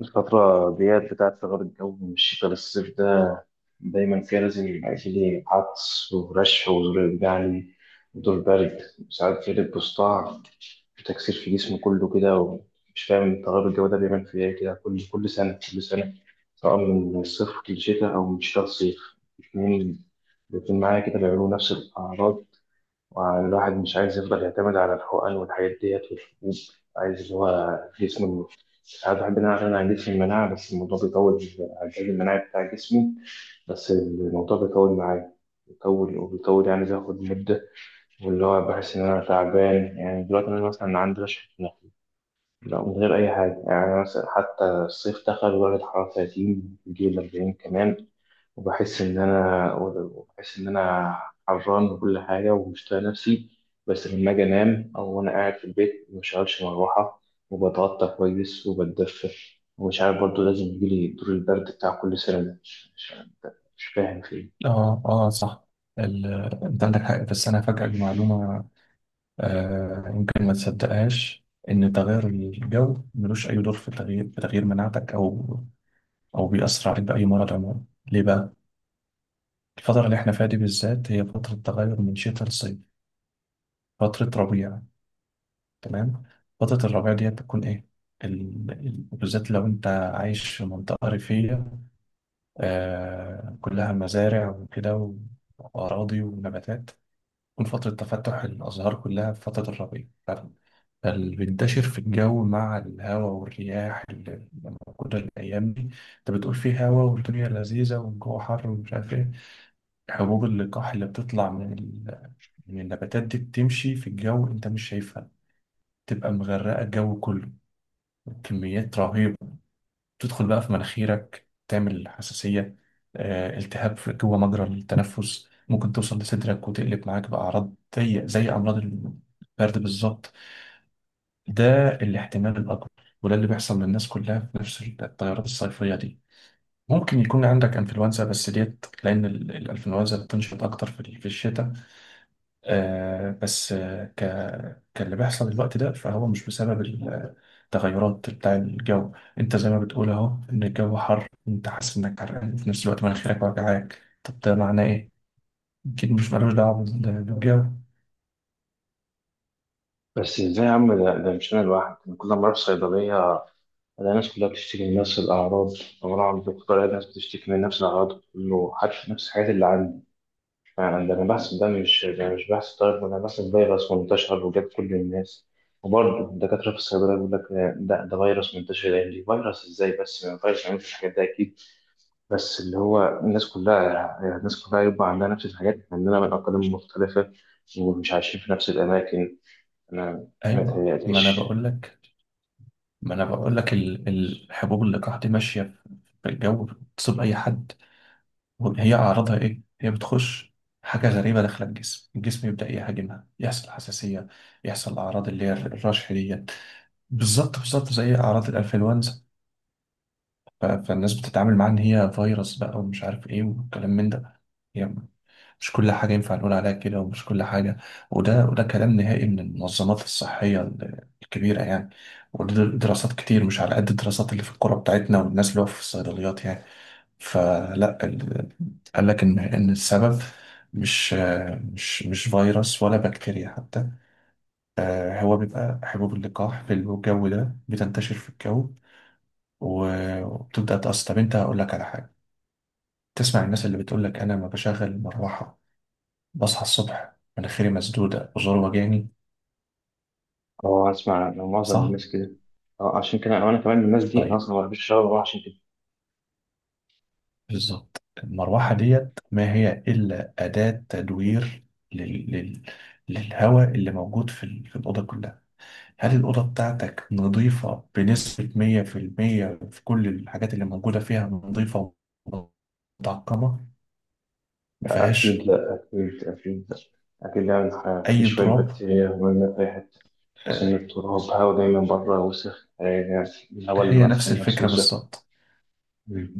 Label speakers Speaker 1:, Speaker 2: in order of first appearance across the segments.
Speaker 1: الفترة ديت بتاعت ثغرة الجو من الشتاء للصيف ده دايما كده لازم يبقى فيه عطس ورشح وزور جعلي ودور برد، وساعات يلبس صداع وتكسير في جسمه كله كده. ومش فاهم تغير الجو ده بيعمل فيه ايه كده كل سنة، سواء من الصيف للشتاء أو من الشتاء للصيف. الاتنين الاتنين معايا كده بيعملوا نفس الأعراض. والواحد مش عايز يفضل يعتمد على الحقن والحاجات ديت والحبوب. عايز اللي هو جسمه، ساعات بحب إن أنا أعتمد على جسم المناعة، بس الموضوع بيطول. على الجهاز المناعي بتاع جسمي، بس الموضوع بيطول معايا، بيطول وبيطول يعني بياخد مدة. واللي هو بحس إن أنا تعبان، يعني دلوقتي أنا مثلا عندي رشحة نخل لا، من غير أي حاجة، يعني مثلا حتى الصيف دخل ودرجة الحرارة 30 بيجي 40 كمان. وبحس إن أنا حران وكل حاجة ومش طايق نفسي. بس لما أجي أنام أو وأنا قاعد في البيت مبشغلش مروحة وبتغطى كويس وبتدفى. ومش عارف برضه لازم يجيلي دور البرد بتاع كل سنة ده. مش فاهم فيه.
Speaker 2: اه اه صح. ال... انت عندك حق، بس انا هفاجئك بمعلومه. يمكن ما تصدقهاش ان تغير الجو ملوش اي دور في تغيير مناعتك او بيأثر عليك باي مرض عموما. ليه بقى؟ الفتره اللي احنا فيها دي بالذات هي فتره تغير من شتاء لصيف، فتره ربيع. تمام. فتره الربيع دي بتكون ايه؟ بالذات لو انت عايش في منطقه ريفيه، كلها مزارع وكده واراضي ونباتات، تكون فترة تفتح الأزهار كلها في فترة الربيع. فاللي بينتشر في الجو مع الهواء والرياح اللي موجودة الأيام دي، أنت بتقول فيه هوا والدنيا لذيذة والجو حر ومش عارف إيه، حبوب اللقاح اللي بتطلع من من النباتات دي بتمشي في الجو، أنت مش شايفها، تبقى مغرقة الجو كله، كميات رهيبة، تدخل بقى في مناخيرك تعمل حساسية، التهاب جوه مجرى التنفس، ممكن توصل لصدرك وتقلب معاك بأعراض زي أمراض البرد بالظبط. ده الاحتمال الأكبر، وده اللي بيحصل للناس كلها في نفس الطيارات الصيفية دي. ممكن يكون عندك انفلونزا بس ديت، لأن الانفلونزا بتنشط أكتر في الشتاء، بس كاللي بيحصل الوقت ده، فهو مش بسبب التغيرات بتاع الجو. انت زي ما بتقول اهو ان الجو حر، انت حاسس انك حرقان في نفس الوقت، مناخيرك وجعاك، طب ده معناه ايه؟ اكيد مش ملوش دعوه بالجو.
Speaker 1: بس إزاي يا عم، ده مش أنا لوحدي، أنا كل ما أروح صيدلية ألاقي الناس كلها بتشتكي من نفس الأعراض، لما أروح عند الدكتور ألاقي الناس بتشتكي من نفس الأعراض، كله عارف نفس الحاجات اللي عندي. فعلا ده انا بحث، ده مش بحث طيب ولا بحث فيروس منتشر وجاب كل الناس. وبرضه الدكاترة في الصيدلة يقول لك ده فيروس منتشر الأيام دي. فيروس إزاي؟ بس ما فيروس ما يعملش الحاجات ده أكيد. بس اللي هو الناس كلها يبقى عندها نفس الحاجات، عندنا من أقاليم مختلفة ومش عايشين في نفس الأماكن. أنا ما
Speaker 2: ايوه، ما انا
Speaker 1: يتهيأليش.
Speaker 2: بقول لك ما انا بقول لك الحبوب اللقاح دي ماشيه في الجو، بتصيب اي حد. هي اعراضها ايه؟ هي بتخش حاجه غريبه داخله الجسم، الجسم يبدا يهاجمها، يحصل حساسيه، يحصل اعراض اللي هي الرشح دي، بالظبط بالظبط زي اعراض الانفلونزا. فالناس بتتعامل معاها ان هي فيروس بقى ومش عارف ايه والكلام من ده، يعني مش كل حاجه ينفع نقول عليها كده، ومش كل حاجه. وده كلام نهائي من المنظمات الصحيه الكبيره يعني، وده دراسات كتير، مش على قد الدراسات اللي في القرى بتاعتنا والناس اللي هو في الصيدليات يعني. فلا ال- قال لك ان السبب مش مش فيروس ولا بكتيريا حتى، هو بيبقى حبوب اللقاح في الجو ده، بتنتشر في الجو وبتبدأ تقص. طب انت هقول لك على حاجة، تسمع الناس اللي بتقول لك انا ما بشغل المروحة، بصحى الصبح مناخيري مسدودة وزور وجاني.
Speaker 1: أه، أسمع عن معظم
Speaker 2: صح؟
Speaker 1: الناس كده. أه، عشان كده أنا كمان من الناس دي، أنا
Speaker 2: طيب.
Speaker 1: أصلا ما بحبش الشغل عشان كده.
Speaker 2: بالظبط المروحة ديت ما هي إلا أداة تدوير لل... لل... للهواء اللي موجود في الأوضة كلها. هل الأوضة بتاعتك نظيفة بنسبة 100% في المية، في كل الحاجات اللي موجودة فيها، نظيفة ومتعقمة، ما
Speaker 1: أكيد
Speaker 2: فيهاش
Speaker 1: لأ، أكيد أكيد لأ. أكيد يعني في
Speaker 2: أي
Speaker 1: شوية
Speaker 2: تراب؟
Speaker 1: بكتيريا مرمية في أي حتة. عشان
Speaker 2: آه،
Speaker 1: التراب هوا دايما بره وسخ يعني، الهوا اللي
Speaker 2: هي نفس
Speaker 1: مدفون نفسه
Speaker 2: الفكرة
Speaker 1: وسخ.
Speaker 2: بالظبط.
Speaker 1: مم.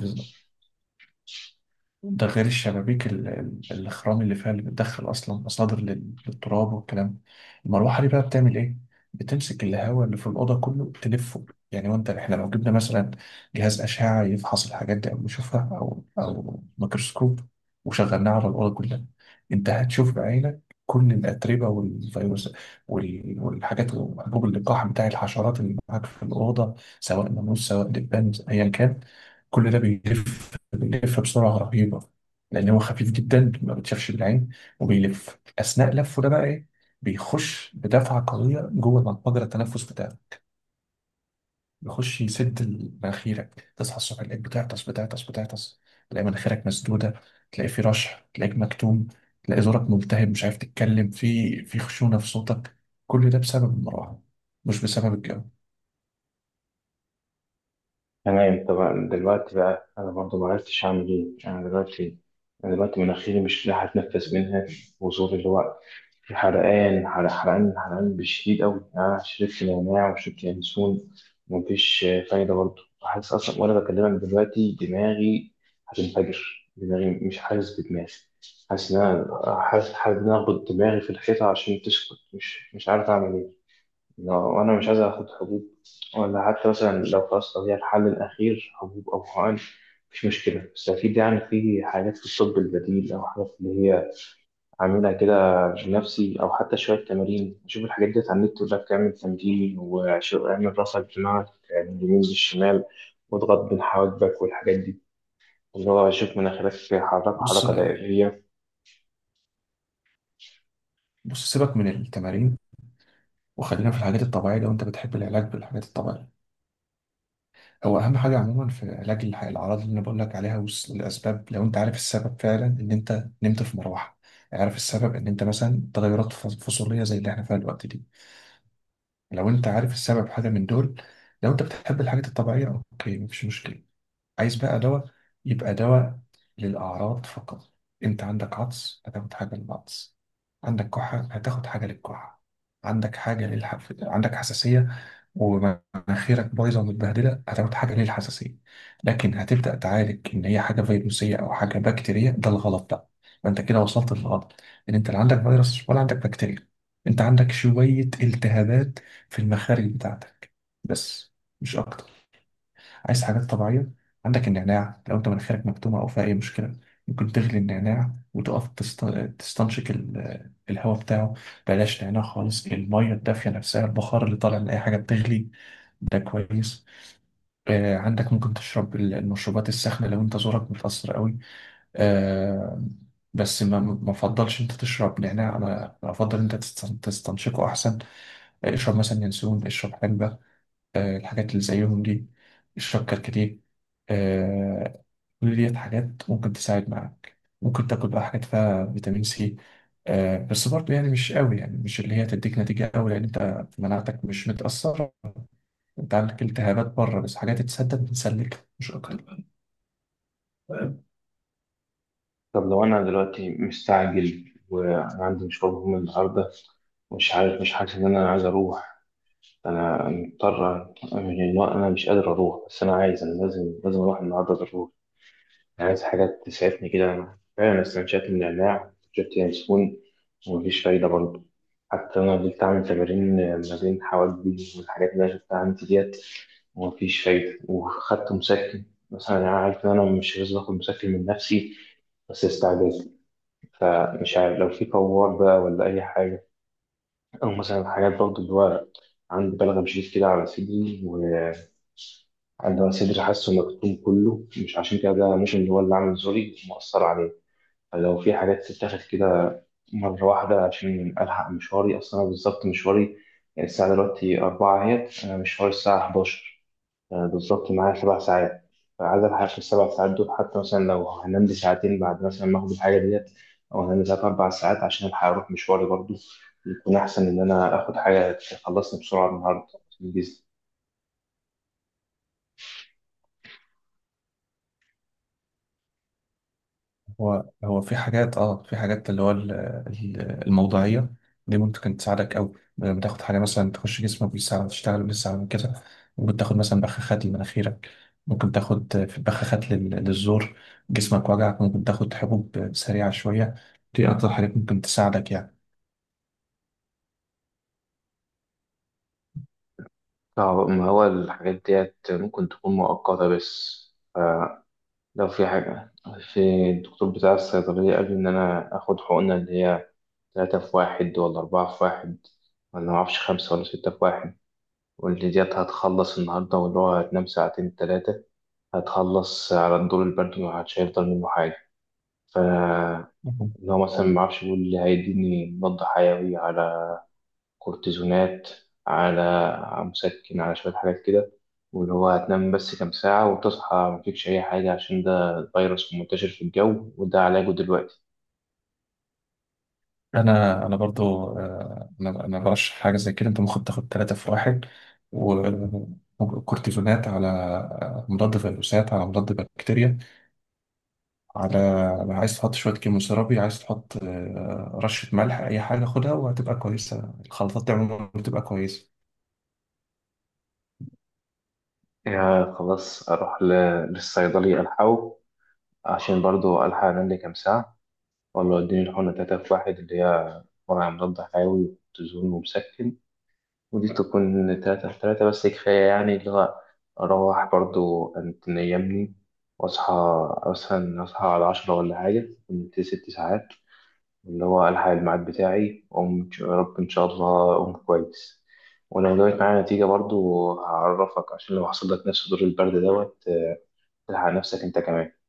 Speaker 2: ده غير الشبابيك الخرام اللي فيها، اللي بتدخل اصلا مصادر للتراب والكلام. المروحه دي بقى بتعمل ايه؟ بتمسك الهواء اللي في الاوضه كله تلفه يعني، وانت احنا لو جبنا مثلا جهاز اشعه يفحص الحاجات دي او يشوفها، او ميكروسكوب، وشغلناه على الاوضه كلها، انت هتشوف بعينك كل الاتربه والفيروس والحاجات، حبوب اللقاح بتاع الحشرات اللي معاك في الاوضه، سواء ناموس سواء دبان ايا كان، كل ده بيلف، بيلف بسرعة رهيبة، لأن هو خفيف جدا ما بتشافش بالعين. وبيلف، أثناء لفه ده بقى إيه؟ بيخش بدفعة قوية جوه مجرى التنفس بتاعه، بيخش يسد مناخيرك، تصحى الصبح تلاقيك بتعطس بتعطس بتعطس، تلاقي مناخيرك مسدودة، تلاقي في رشح، تلاقيك مكتوم، تلاقي زورك ملتهب، مش عارف تتكلم، في خشونة في صوتك. كل ده بسبب المروحة، مش بسبب الجو.
Speaker 1: تمام طبعا. دلوقتي بقى أنا برضو معرفتش أعمل إيه أنا دلوقتي. أنا دلوقتي مناخيري مش لاحق أتنفس منها، وزوري اللي هو في حرقان، حرقان حرقان بشديد قوي. أنا شربت نعناع وشربت ينسون ومفيش فايدة برضه. حاسس أصلا وأنا بكلمك دلوقتي دماغي هتنفجر، دماغي مش حاسس بدماغي. حاسس إن أنا، حاسس إن أنا أخبط دماغي في الحيطة عشان تسكت. مش عارف أعمل إيه لو أنا مش عايز آخد حبوب. ولا حتى مثلا لو خلاص لو هي الحل الأخير حبوب أو حقن مش مشكلة، بس أكيد يعني في حاجات في الطب البديل أو حاجات اللي هي أعملها كده بنفسي، أو حتى شوية تمارين أشوف الحاجات ديت على النت، ولا بتعمل تمرين وأعمل راسك دماغك يعني من اليمين للشمال واضغط بين حواجبك والحاجات دي، اللي هو أشوف مناخيرك حركة
Speaker 2: بص،
Speaker 1: حركة دائرية.
Speaker 2: بص سيبك من التمارين، وخلينا في الحاجات الطبيعية، لو أنت بتحب العلاج بالحاجات الطبيعية. هو اهم حاجه عموما في علاج الاعراض اللي انا بقول لك عليها والاسباب، لو انت عارف السبب فعلا ان انت نمت في مروحه، عارف السبب ان انت مثلا تغيرات فصوليه زي اللي احنا فيها الوقت دي، لو انت عارف السبب حاجه من دول، لو انت بتحب الحاجات الطبيعيه، اوكي مفيش مشكله. عايز بقى دواء؟ يبقى دواء للأعراض فقط. أنت عندك عطس، هتاخد حاجة للعطس، عندك كحة هتاخد حاجة للكحة، عندك حاجة عندك حساسية ومناخيرك بايظة ومتبهدلة، هتاخد حاجة للحساسية، لكن هتبدأ تعالج إن هي حاجة فيروسية أو حاجة بكتيرية، ده الغلط بقى. فأنت كده وصلت للغلط، إن أنت لا عندك فيروس ولا عندك بكتيريا، أنت عندك شوية التهابات في المخارج بتاعتك بس، مش أكتر. عايز حاجات طبيعية؟ عندك النعناع، لو انت مناخيرك مكتومة او فيها اي مشكلة، ممكن تغلي النعناع وتقف تستنشق الهواء بتاعه. بلاش نعناع خالص، المية الدافية نفسها، البخار اللي طالع من اي حاجة بتغلي، ده كويس. عندك ممكن تشرب المشروبات الساخنة لو انت زورك متأثر قوي، آه، بس ما افضلش انت تشرب نعناع، انا افضل انت تستنشقه احسن. اشرب مثلا ينسون، اشرب حلبة، الحاجات اللي زيهم دي، الشبكة الكتيب، آه، كل ديت حاجات ممكن تساعد معاك. ممكن تاكل بقى حاجات فيها فيتامين سي، بس برضه يعني مش قوي، يعني مش اللي هي تديك نتيجة قوي، لأن أنت مناعتك مش متأثرة، أنت عندك التهابات بره بس، حاجات تسدد بتسلك، مش أكتر.
Speaker 1: طب لو أنا دلوقتي مستعجل وأنا عندي مشوار مهم النهاردة، مش عارف، مش حاسس إن أنا عايز أروح. أنا مضطر يعني، لو أنا مش قادر أروح بس أنا عايز، أنا لازم أروح النهاردة ضروري. عايز حاجات تسعفني كده. أنا فعلا استنشقت من النعناع، شفت ياسمين، ومفيش فايدة برضه. حتى أنا فضلت أعمل تمارين ما بين حواجبي والحاجات اللي أنا شفتها عندي ديت، ومفيش فايدة. وخدت مسكن مثلا، أنا عارف إن أنا مش لازم آخد مسكن من نفسي، بس استعجال. فمش عارف لو في فوار بقى ولا أي حاجة، أو مثلا حاجات برضه اللي هو عندي بلغم شديد كده على صدري، وعندي صدري حاسه مكتوم كله، مش عشان كده ده ممكن هو اللي عامل زوري مؤثر عليه. لو في حاجات تتاخد كده مرة واحدة عشان ألحق مشواري. أصلا أنا بالظبط مشواري الساعة دلوقتي 4 أهيت، أنا مشواري الساعة 11. أنا بالظبط معايا 7 ساعات، فعايز ألحق في ال7 ساعات دول. حتى مثلا لو هنام لي ساعتين بعد مثلا ما آخد الحاجة ديت، أو هنام لي 3 أو 4 ساعات عشان ألحق أروح مشواري برضه، يكون أحسن إن أنا آخد حاجة تخلصني بسرعة النهاردة في الجيزة.
Speaker 2: هو في حاجات، في حاجات اللي هو الموضوعية دي ممكن تساعدك أوي، لما تاخد حاجة مثلا تخش جسمك بيساعد، تشتغل بيساعد من كده. ممكن تاخد مثلا بخاخات لمناخيرك، ممكن تاخد في بخاخات للزور، جسمك وجعك ممكن تاخد حبوب سريعة شوية، دي أكتر حاجات ممكن تساعدك يعني.
Speaker 1: طب ما هو الحاجات ديت ممكن تكون مؤقتة بس. آه، لو في حاجة، في الدكتور بتاع الصيدلية قال لي إن أنا آخد حقنة اللي هي تلاتة في واحد ولا أربعة في واحد، ولا معرفش خمسة ولا ستة في واحد، واللي ديت هتخلص النهاردة، واللي هو هتنام ساعتين تلاتة هتخلص على الدور البرد ومحدش هيفضل منه حاجة. فاللي
Speaker 2: مهم.
Speaker 1: هو مثلا معرفش، يقول اللي هيديني مضاد حيوي على كورتيزونات، على مسكن، على شوية حاجات كده، واللي هو هتنام بس كام ساعة وتصحى مفيكش أي حاجة، عشان ده فيروس منتشر في الجو وده علاجه دلوقتي.
Speaker 2: أنا برضو، أنا برشح حاجة زي كده، أنت ممكن تاخد تلاتة في واحد وكورتيزونات، على مضاد فيروسات، على مضاد بكتيريا، على عايز تحط شوية كيموثيرابي، عايز تحط رشة ملح، أي حاجة خدها وهتبقى كويسة، الخلطات دي عموما بتبقى كويسة.
Speaker 1: يا خلاص أروح للصيدلي ألحقه عشان برضو ألحق أنام لي كام ساعة، ولا وديني الحقنة تلاتة في واحد، اللي هي مرعى مضاد حيوي وكورتيزون ومسكن، ودي تكون تلاتة في تلاتة بس كفاية يعني. اللي هو أروح برضو أنت نيمني وأصحى مثلا، أصحى على 10 ولا حاجة كنت 6 ساعات، اللي هو ألحق الميعاد بتاعي وأقوم. يا رب إن شاء الله أقوم كويس. ولو جابت معايا نتيجة برضو هعرفك، عشان لو حصل لك نفس دور البرد دوت تلحق نفسك أنت كمان.